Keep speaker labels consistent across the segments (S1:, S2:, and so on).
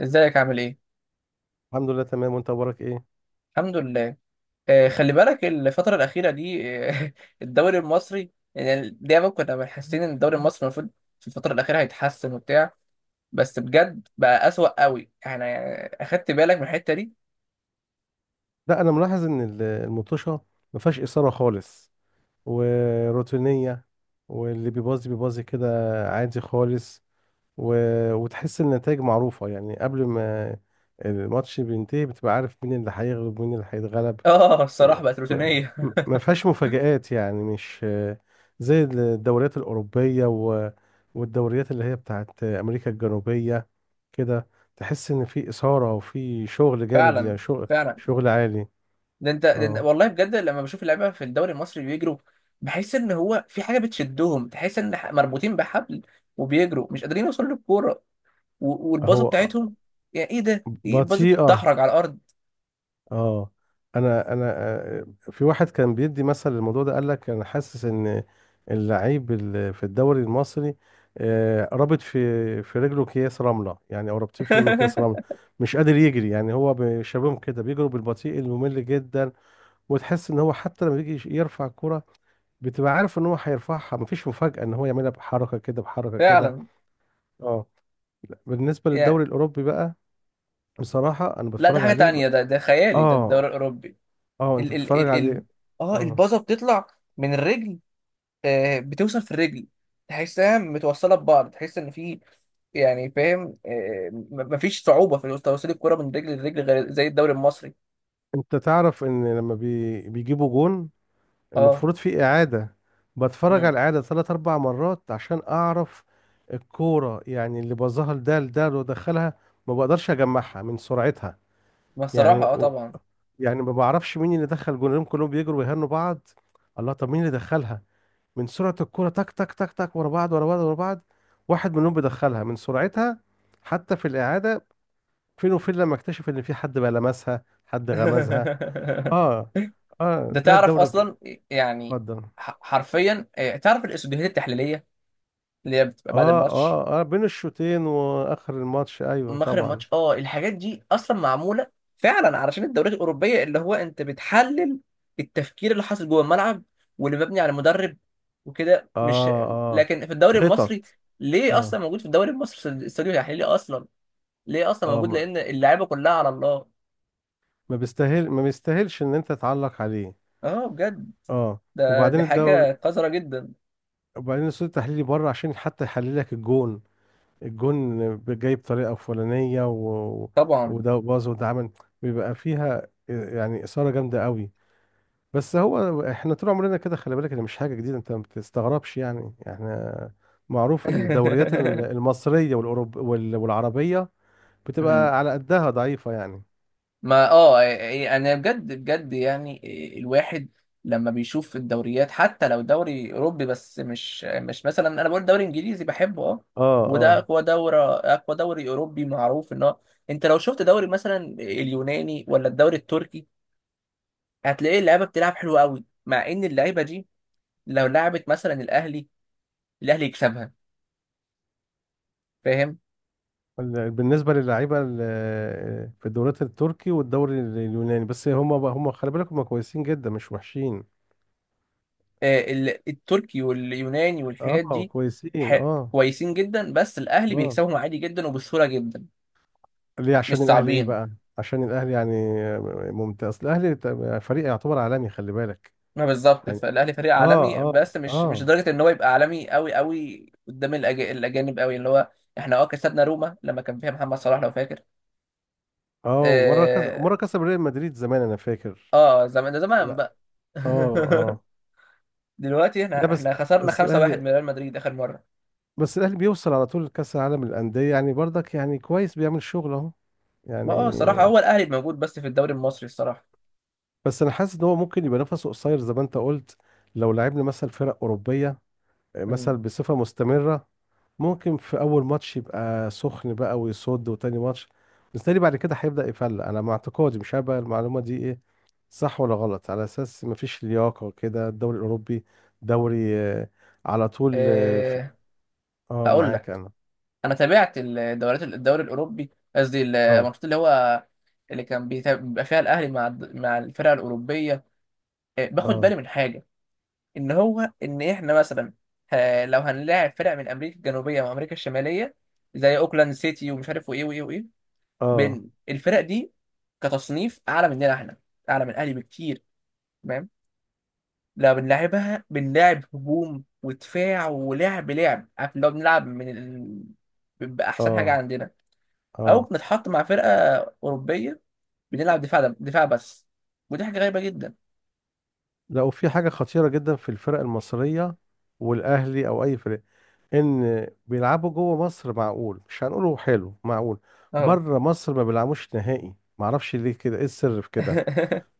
S1: ازيك عامل ايه؟
S2: الحمد لله، تمام. وانت اخبارك ايه؟
S1: الحمد لله. آه خلي بالك الفترة الأخيرة دي. آه الدوري المصري يعني دايما كنا حاسين إن الدوري المصري المفروض في الفترة الأخيرة هيتحسن وبتاع. بس بجد بقى أسوأ قوي. احنا يعني أخدت بالك من الحتة دي؟
S2: لا، انا ملاحظ ان المطوشه ما فيهاش اثاره خالص وروتينيه. واللي بيبازي بيبازي كده عادي خالص. و... وتحس النتائج معروفه، يعني قبل ما الماتش بينتهي بتبقى عارف مين اللي هيغلب ومين اللي هيتغلب.
S1: آه الصراحة
S2: يعني
S1: بقت
S2: ما
S1: روتينية.
S2: ما- ما فيهاش مفاجآت، يعني مش زي الدوريات الأوروبية والدوريات اللي هي بتاعت أمريكا الجنوبية كده. تحس إن في إثارة وفي شغل جامد،
S1: فعلا،
S2: يعني شغل
S1: فعلا.
S2: شغل عالي. اه.
S1: والله بجد لما بشوف اللعيبة في الدوري المصري بيجروا، بحس إن هو في حاجة بتشدهم. تحس إن مربوطين بحبل وبيجروا مش قادرين يوصلوا للكورة والباصة
S2: هو
S1: بتاعتهم. يعني إيه ده؟ إيه الباصة
S2: بطيئة.
S1: بتتدحرج على الأرض.
S2: اه. انا في واحد كان بيدي مثل الموضوع ده، قال لك انا حاسس ان اللعيب في الدوري المصري رابط في رجله اكياس رمله، يعني او رابطين في رجله اكياس رمله. مش قادر يجري، يعني هو شبههم كده بيجروا بالبطيء الممل جدا. وتحس ان هو حتى لما بيجي يرفع الكره بتبقى عارف ان هو هيرفعها، مفيش مفاجاه ان هو يعملها بحركه كده بحركه كده.
S1: فعلا.
S2: اه. لا، بالنسبه للدوري
S1: يعني
S2: الاوروبي بقى، بصراحه انا
S1: لا، ده
S2: بتفرج
S1: حاجة
S2: عليه ب...
S1: تانية، ده خيالي ده
S2: اه،
S1: الدوري الأوروبي.
S2: اه، انت
S1: ال ال
S2: بتتفرج
S1: ال ال
S2: عليه.
S1: اه
S2: اه،
S1: البازة بتطلع من الرجل، آه بتوصل في الرجل، تحسها متوصلة ببعض. تحس إن في، يعني فاهم، آه مفيش صعوبة في توصيل الكرة من رجل لرجل غير زي الدوري المصري.
S2: انت تعرف ان لما بيجيبوا جون
S1: اه.
S2: المفروض في اعادة. بتفرج على
S1: مم.
S2: الاعادة ثلاث اربع مرات عشان اعرف الكورة، يعني اللي بظهر ده لده اللي دخلها ما بقدرش اجمعها من سرعتها.
S1: ما
S2: يعني
S1: الصراحة اه
S2: و...
S1: طبعا.
S2: يعني ما بعرفش مين اللي دخل جونهم، كلهم بيجروا ويهنوا بعض. الله، طب مين اللي دخلها؟ من سرعة الكورة تك تك تك تك، ورا بعض ورا بعض ورا بعض، واحد منهم بيدخلها من سرعتها. حتى في الاعادة فين وفين لما اكتشف ان في حد بقى لمسها، حد غمزها. اه. اه.
S1: ده
S2: لا،
S1: تعرف
S2: الدوري
S1: أصلا، يعني
S2: اتفضل.
S1: حرفيا آه تعرف الإسوديهات التحليلية اللي هي بتبقى بعد
S2: اه،
S1: الماتش،
S2: اه، اه، بين الشوطين واخر الماتش، ايوه
S1: مخرج
S2: طبعا.
S1: ماتش اه. الحاجات دي اصلا معموله فعلا علشان الدوريات الاوروبيه، اللي هو انت بتحلل التفكير اللي حاصل جوه الملعب واللي مبني على مدرب وكده، مش
S2: اه. اه.
S1: لكن في الدوري المصري.
S2: خطط.
S1: ليه اصلا
S2: اه.
S1: موجود في الدوري المصري استوديو تحليلي اصلا؟ ليه اصلا
S2: اه.
S1: موجود؟
S2: ما
S1: لان اللعيبه كلها على الله.
S2: ما بيستاهل ما بيستاهلش ان انت تعلق عليه.
S1: اه بجد،
S2: اه.
S1: ده
S2: وبعدين
S1: دي
S2: الدوري،
S1: حاجه قذره جدا.
S2: وبعدين الصوت التحليلي بره عشان حتى يحلل لك الجون. الجون جاي بطريقه فلانيه،
S1: طبعا.
S2: وده باظ وده عمل. بيبقى فيها يعني اثاره جامده قوي. بس هو احنا طول عمرنا كده، خلي بالك ده مش حاجة جديدة، انت ما بتستغربش يعني. احنا معروف الدوريات المصرية والأوروب والعربية بتبقى على قدها ضعيفة يعني.
S1: ما اه إيه، إيه، يعني انا بجد يعني إيه، الواحد لما بيشوف الدوريات حتى لو دوري اوروبي، بس مش مثلا انا بقول دوري انجليزي بحبه اه.
S2: اه.
S1: وده
S2: اه.
S1: اقوى دوري، اقوى دوري اوروبي، معروف ان هو انت لو شفت دوري مثلا اليوناني ولا الدوري التركي هتلاقي اللعيبه بتلعب حلو قوي. مع ان اللعيبه دي لو لعبت مثلا الاهلي، الاهلي يكسبها. فاهم؟
S2: بالنسبة للعيبة في الدوريات التركي والدوري اليوناني، بس هم خلي بالك هم كويسين جدا مش وحشين.
S1: آه، ال- التركي واليوناني والحاجات
S2: اه،
S1: دي.
S2: كويسين.
S1: ح-
S2: اه.
S1: كويسين جدا، بس الاهلي
S2: اه.
S1: بيكسبهم عادي جدا وبسهوله جدا.
S2: ليه؟
S1: مش
S2: عشان الأهلي ايه
S1: صعبين.
S2: بقى؟ عشان الأهلي يعني ممتاز. الأهلي فريق يعتبر عالمي خلي بالك
S1: ما بالظبط،
S2: يعني.
S1: فالاهلي فريق
S2: اه.
S1: عالمي
S2: اه.
S1: بس مش
S2: اه.
S1: لدرجه ان هو يبقى عالمي قوي قوي قدام الاجانب قوي اللي هو احنا اه كسبنا روما لما كان فيها محمد صلاح لو فاكر.
S2: اه.
S1: اه،
S2: مرة كسب ريال مدريد زمان انا فاكر.
S1: آه زمان، ده زمان
S2: لا.
S1: بقى.
S2: اه. اه.
S1: دلوقتي
S2: لا
S1: احنا احنا خسرنا
S2: بس
S1: 5-1
S2: الاهلي
S1: من ريال مدريد اخر مره.
S2: بس الاهلي بيوصل على طول لكأس العالم للأندية، يعني برضك يعني كويس بيعمل شغل اهو
S1: ما
S2: يعني.
S1: اه الصراحه هو الاهلي موجود بس في الدوري المصري الصراحه.
S2: بس انا حاسس ان هو ممكن يبقى نفسه قصير زي ما انت قلت، لو لعبنا مثلا فرق أوروبية
S1: مم.
S2: مثلا بصفة مستمرة. ممكن في اول ماتش يبقى سخن بقى ويصد، وتاني ماتش بالتالي بعد كده هيبدأ يفلق. انا مع اعتقادي، مش عارف بقى المعلومة دي ايه، صح ولا غلط، على اساس مفيش لياقة كده. الدوري الاوروبي دوري على طول. اه.
S1: اه. هقول
S2: معاك
S1: لك،
S2: انا.
S1: انا تابعت الدوريات، الدوري الاوروبي، قصدي
S2: اه.
S1: الماتشات اللي هو اللي بيبقى فيها الاهلي مع مع الفرق الاوروبيه. آه، باخد
S2: اه.
S1: بالي من حاجه، ان هو ان احنا مثلا، آه، لو هنلاعب فرق من امريكا الجنوبيه وامريكا الشماليه زي اوكلاند سيتي ومش عارف وايه وايه وايه،
S2: اه.
S1: بين الفرق دي كتصنيف اعلى مننا احنا، اعلى من الاهلي بكتير، تمام؟ لو بنلعبها بنلعب هجوم ودفاع ولعب عارف، لو بنلعب من ال... باحسن حاجه
S2: اه.
S1: عندنا، او
S2: اه.
S1: بنتحط مع فرقه اوروبيه بنلعب دفاع بس، ودي حاجه غريبه جدا.
S2: لا، وفي حاجة خطيرة جدا في الفرق المصرية، والاهلي او اي فرق، ان بيلعبوا جوه مصر معقول، مش هنقوله حلو معقول،
S1: اه.
S2: بره مصر ما بيلعبوش نهائي. معرفش ليه كده، ايه السر في كده؟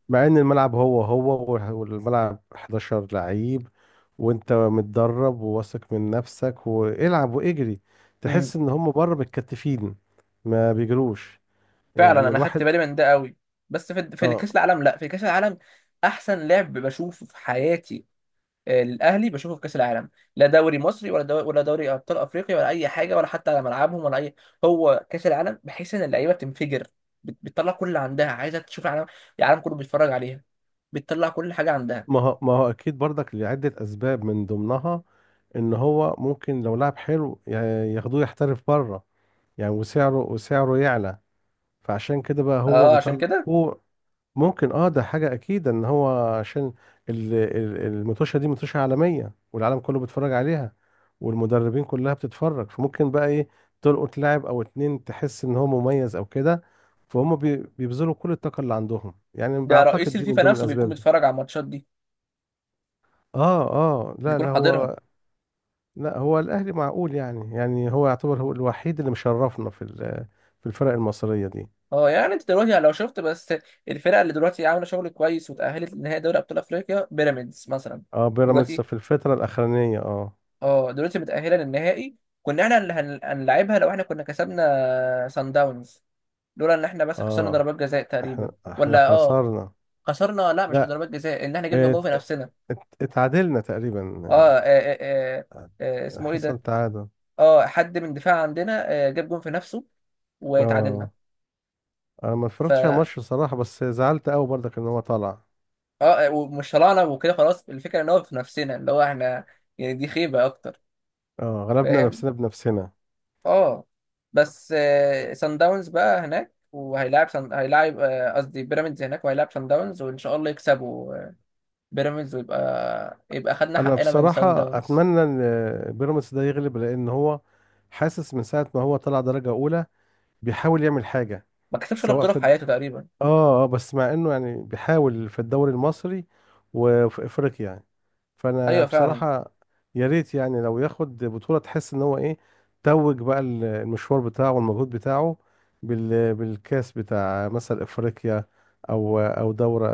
S2: مع ان الملعب هو هو والملعب 11 لعيب، وانت متدرب وواثق من نفسك، والعب واجري. تحس ان هم بره متكتفين، ما بيجروش،
S1: فعلا،
S2: يعني
S1: انا خدت
S2: الواحد.
S1: بالي من ده قوي. بس في
S2: اه.
S1: كاس العالم، لا في كاس العالم احسن لعب بشوفه في حياتي. آه، الاهلي بشوفه في كاس العالم، لا دوري مصري ولا دوري ولا دوري ابطال افريقيا ولا اي حاجه، ولا حتى على ملعبهم ولا اي. هو كاس العالم بحيث ان اللعيبه بتنفجر، بتطلع كل اللي عندها، عايزه تشوف العالم، العالم كله بيتفرج عليها، بتطلع كل حاجه عندها.
S2: ما هو اكيد برضك لعدة اسباب، من ضمنها ان هو ممكن لو لعب حلو ياخدوه يحترف بره يعني. وسعره يعلى، فعشان كده بقى هو
S1: اه عشان
S2: بيطلع
S1: كده.
S2: فوق. ممكن. اه، ده حاجة أكيد إن هو عشان المطوشة دي مطوشة عالمية، والعالم كله بيتفرج عليها، والمدربين كلها بتتفرج، فممكن بقى إيه، تلقط لاعب أو اتنين تحس إن هو مميز أو كده. فهم بيبذلوا كل الطاقة اللي عندهم، يعني
S1: ده رئيس
S2: بعتقد دي من
S1: الفيفا
S2: ضمن
S1: نفسه بيكون
S2: الأسباب دي.
S1: بيتفرج على الماتشات دي،
S2: اه. اه. لا،
S1: بيكون
S2: لا،
S1: حاضرها.
S2: هو، لا، هو الأهلي معقول يعني هو يعتبر هو الوحيد اللي مشرفنا في في الفرق المصرية دي.
S1: اه يعني انت دلوقتي يعني لو شفت بس الفرقه اللي دلوقتي عامله شغل كويس وتاهلت لنهائي دوري ابطال افريقيا، بيراميدز مثلا،
S2: اه، بيراميدز
S1: دلوقتي،
S2: في الفترة الأخرانية اه.
S1: اه دلوقتي متاهله للنهائي. كنا احنا اللي هنلعبها لو احنا كسبنا سان داونز، لولا ان احنا بس خسرنا
S2: اه.
S1: ضربات جزاء
S2: احنا
S1: تقريبا،
S2: احنا
S1: ولا اه
S2: خسرنا.
S1: خسرنا، لا مش
S2: لا.
S1: ضربات جزاء، ان احنا جبنا جول
S2: ات...
S1: في نفسنا.
S2: اتعادلنا تقريبا.
S1: آه، آه اسمه ايه
S2: حصل
S1: ده.
S2: تعادل.
S1: اه حد من دفاع عندنا آه جاب جول في نفسه وتعادلنا.
S2: اه، انا ما
S1: ف
S2: اتفرجتش على الماتش بصراحة، بس زعلت قوي برضك ان هو طلع.
S1: اه ومش طلعنا وكده خلاص. الفكره ان هو في نفسنا، اللي هو احنا، يعني دي خيبه اكتر.
S2: اه، غلبنا
S1: فاهم؟
S2: نفسنا بنفسنا.
S1: اه. بس سان داونز بقى هناك، هيلاعب آه، قصدي بيراميدز هناك وهيلاعب سان داونز، وان شاء الله يكسبوا آه، بيراميدز ويبقى خدنا
S2: انا
S1: حقنا من سان
S2: بصراحة
S1: داونز.
S2: اتمنى ان بيراميدز ده يغلب، لان هو حاسس من ساعة ما هو طلع درجة اولى بيحاول يعمل حاجة،
S1: ما كسبش ولا
S2: سواء
S1: بطوله
S2: في.
S1: في حياته تقريبا.
S2: اه. اه. بس مع انه يعني بيحاول في الدوري المصري وفي افريقيا يعني. فانا
S1: ايوه فعلا.
S2: بصراحة يا ريت يعني لو ياخد بطولة، تحس ان هو ايه، توج بقى المشوار بتاعه والمجهود بتاعه بالكاس بتاع مثلا افريقيا، او دورة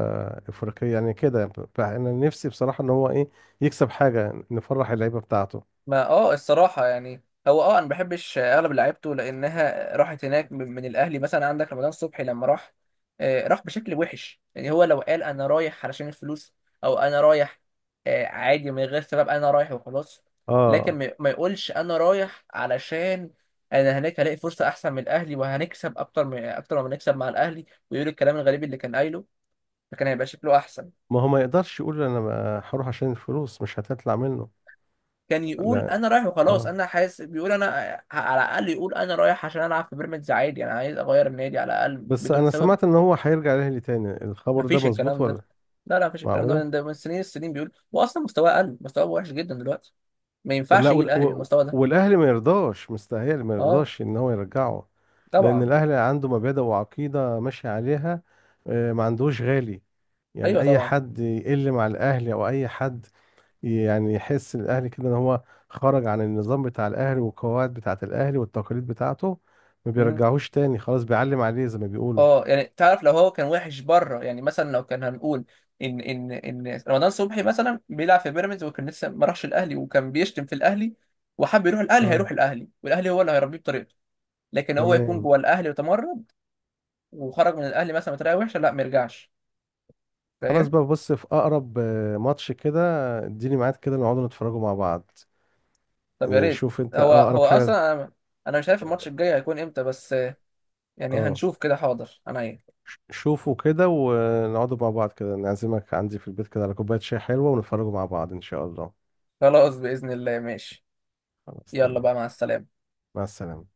S2: افريقية يعني. كده انا نفسي بصراحة ان هو ايه، يكسب حاجة نفرح اللعيبة بتاعته.
S1: ما اه الصراحة يعني، هو اه انا ما بحبش اغلب لعيبته لانها راحت هناك من الاهلي. مثلا عندك رمضان صبحي لما راح، آه، راح بشكل وحش. يعني هو لو قال انا رايح علشان الفلوس، او انا رايح آه، عادي من غير سبب، انا رايح وخلاص. لكن
S2: اه.
S1: ما يقولش انا رايح علشان انا هناك هلاقي فرصة احسن من الاهلي وهنكسب اكتر من اكتر ما بنكسب مع الاهلي، ويقول الكلام الغريب اللي كان قايله. فكان هيبقى شكله احسن.
S2: ما هو ما يقدرش يقول انا ما هروح عشان الفلوس مش هتطلع منه.
S1: كان يقول
S2: لا.
S1: انا رايح وخلاص،
S2: اه.
S1: انا حاسس بيقول انا، على الاقل يقول انا رايح عشان العب في بيراميدز عادي، انا عايز اغير النادي على الاقل
S2: بس
S1: بدون
S2: انا
S1: سبب.
S2: سمعت ان هو هيرجع الاهلي تاني، الخبر ده
S1: مفيش
S2: مظبوط
S1: الكلام ده،
S2: ولا؟
S1: لا لا مفيش الكلام ده
S2: معقوله؟
S1: من ده، من سنين السنين بيقول، واصلا مستواه قل، مستواه وحش جدا دلوقتي. ما ينفعش
S2: ولا
S1: يجي الاهلي بالمستوى ده.
S2: والاهلي ما يرضاش، مستاهل ما
S1: اه
S2: يرضاش ان هو يرجعه. لان
S1: طبعا.
S2: الاهلي عنده مبادئ وعقيده ماشي عليها، ما عندوش غالي يعني.
S1: ايوه
S2: اي
S1: طبعا.
S2: حد يقل مع الاهلي او اي حد يعني، يحس الاهلي كده ان هو خرج عن النظام بتاع الاهلي والقواعد بتاعه الاهلي والتقاليد بتاعته، ما
S1: مم.
S2: بيرجعوش تاني خلاص، بيعلم عليه زي ما بيقولوا.
S1: اه يعني تعرف لو هو كان وحش بره، يعني مثلا لو كان هنقول ان رمضان صبحي مثلا بيلعب في بيراميدز وكان لسه ما راحش الاهلي وكان بيشتم في الاهلي وحب يروح الاهلي،
S2: اه.
S1: هيروح الاهلي والاهلي هو اللي هيربيه بطريقته. لكن هو يكون
S2: تمام.
S1: جوه الاهلي وتمرد وخرج من الاهلي مثلا بطريقه وحشه، لا ما يرجعش.
S2: خلاص
S1: فاهم؟
S2: بقى، بص في اقرب ماتش كده، اديني ميعاد كده نقعد نتفرجوا مع بعض.
S1: طب يا ريت.
S2: نشوف انت
S1: هو
S2: اه
S1: هو
S2: اقرب حاجه.
S1: اصلا انا انا مش عارف الماتش الجاي هيكون امتى، بس يعني
S2: اه.
S1: هنشوف كده حاضر انا ايه.
S2: شوفوا كده ونقعدوا مع بعض كده، نعزمك عندي في البيت كده على كوبايه شاي حلوه، ونتفرجوا مع بعض ان شاء الله.
S1: خلاص باذن الله ماشي.
S2: خلاص
S1: يلا
S2: تمام.
S1: بقى مع السلامه.
S2: مع السلامه.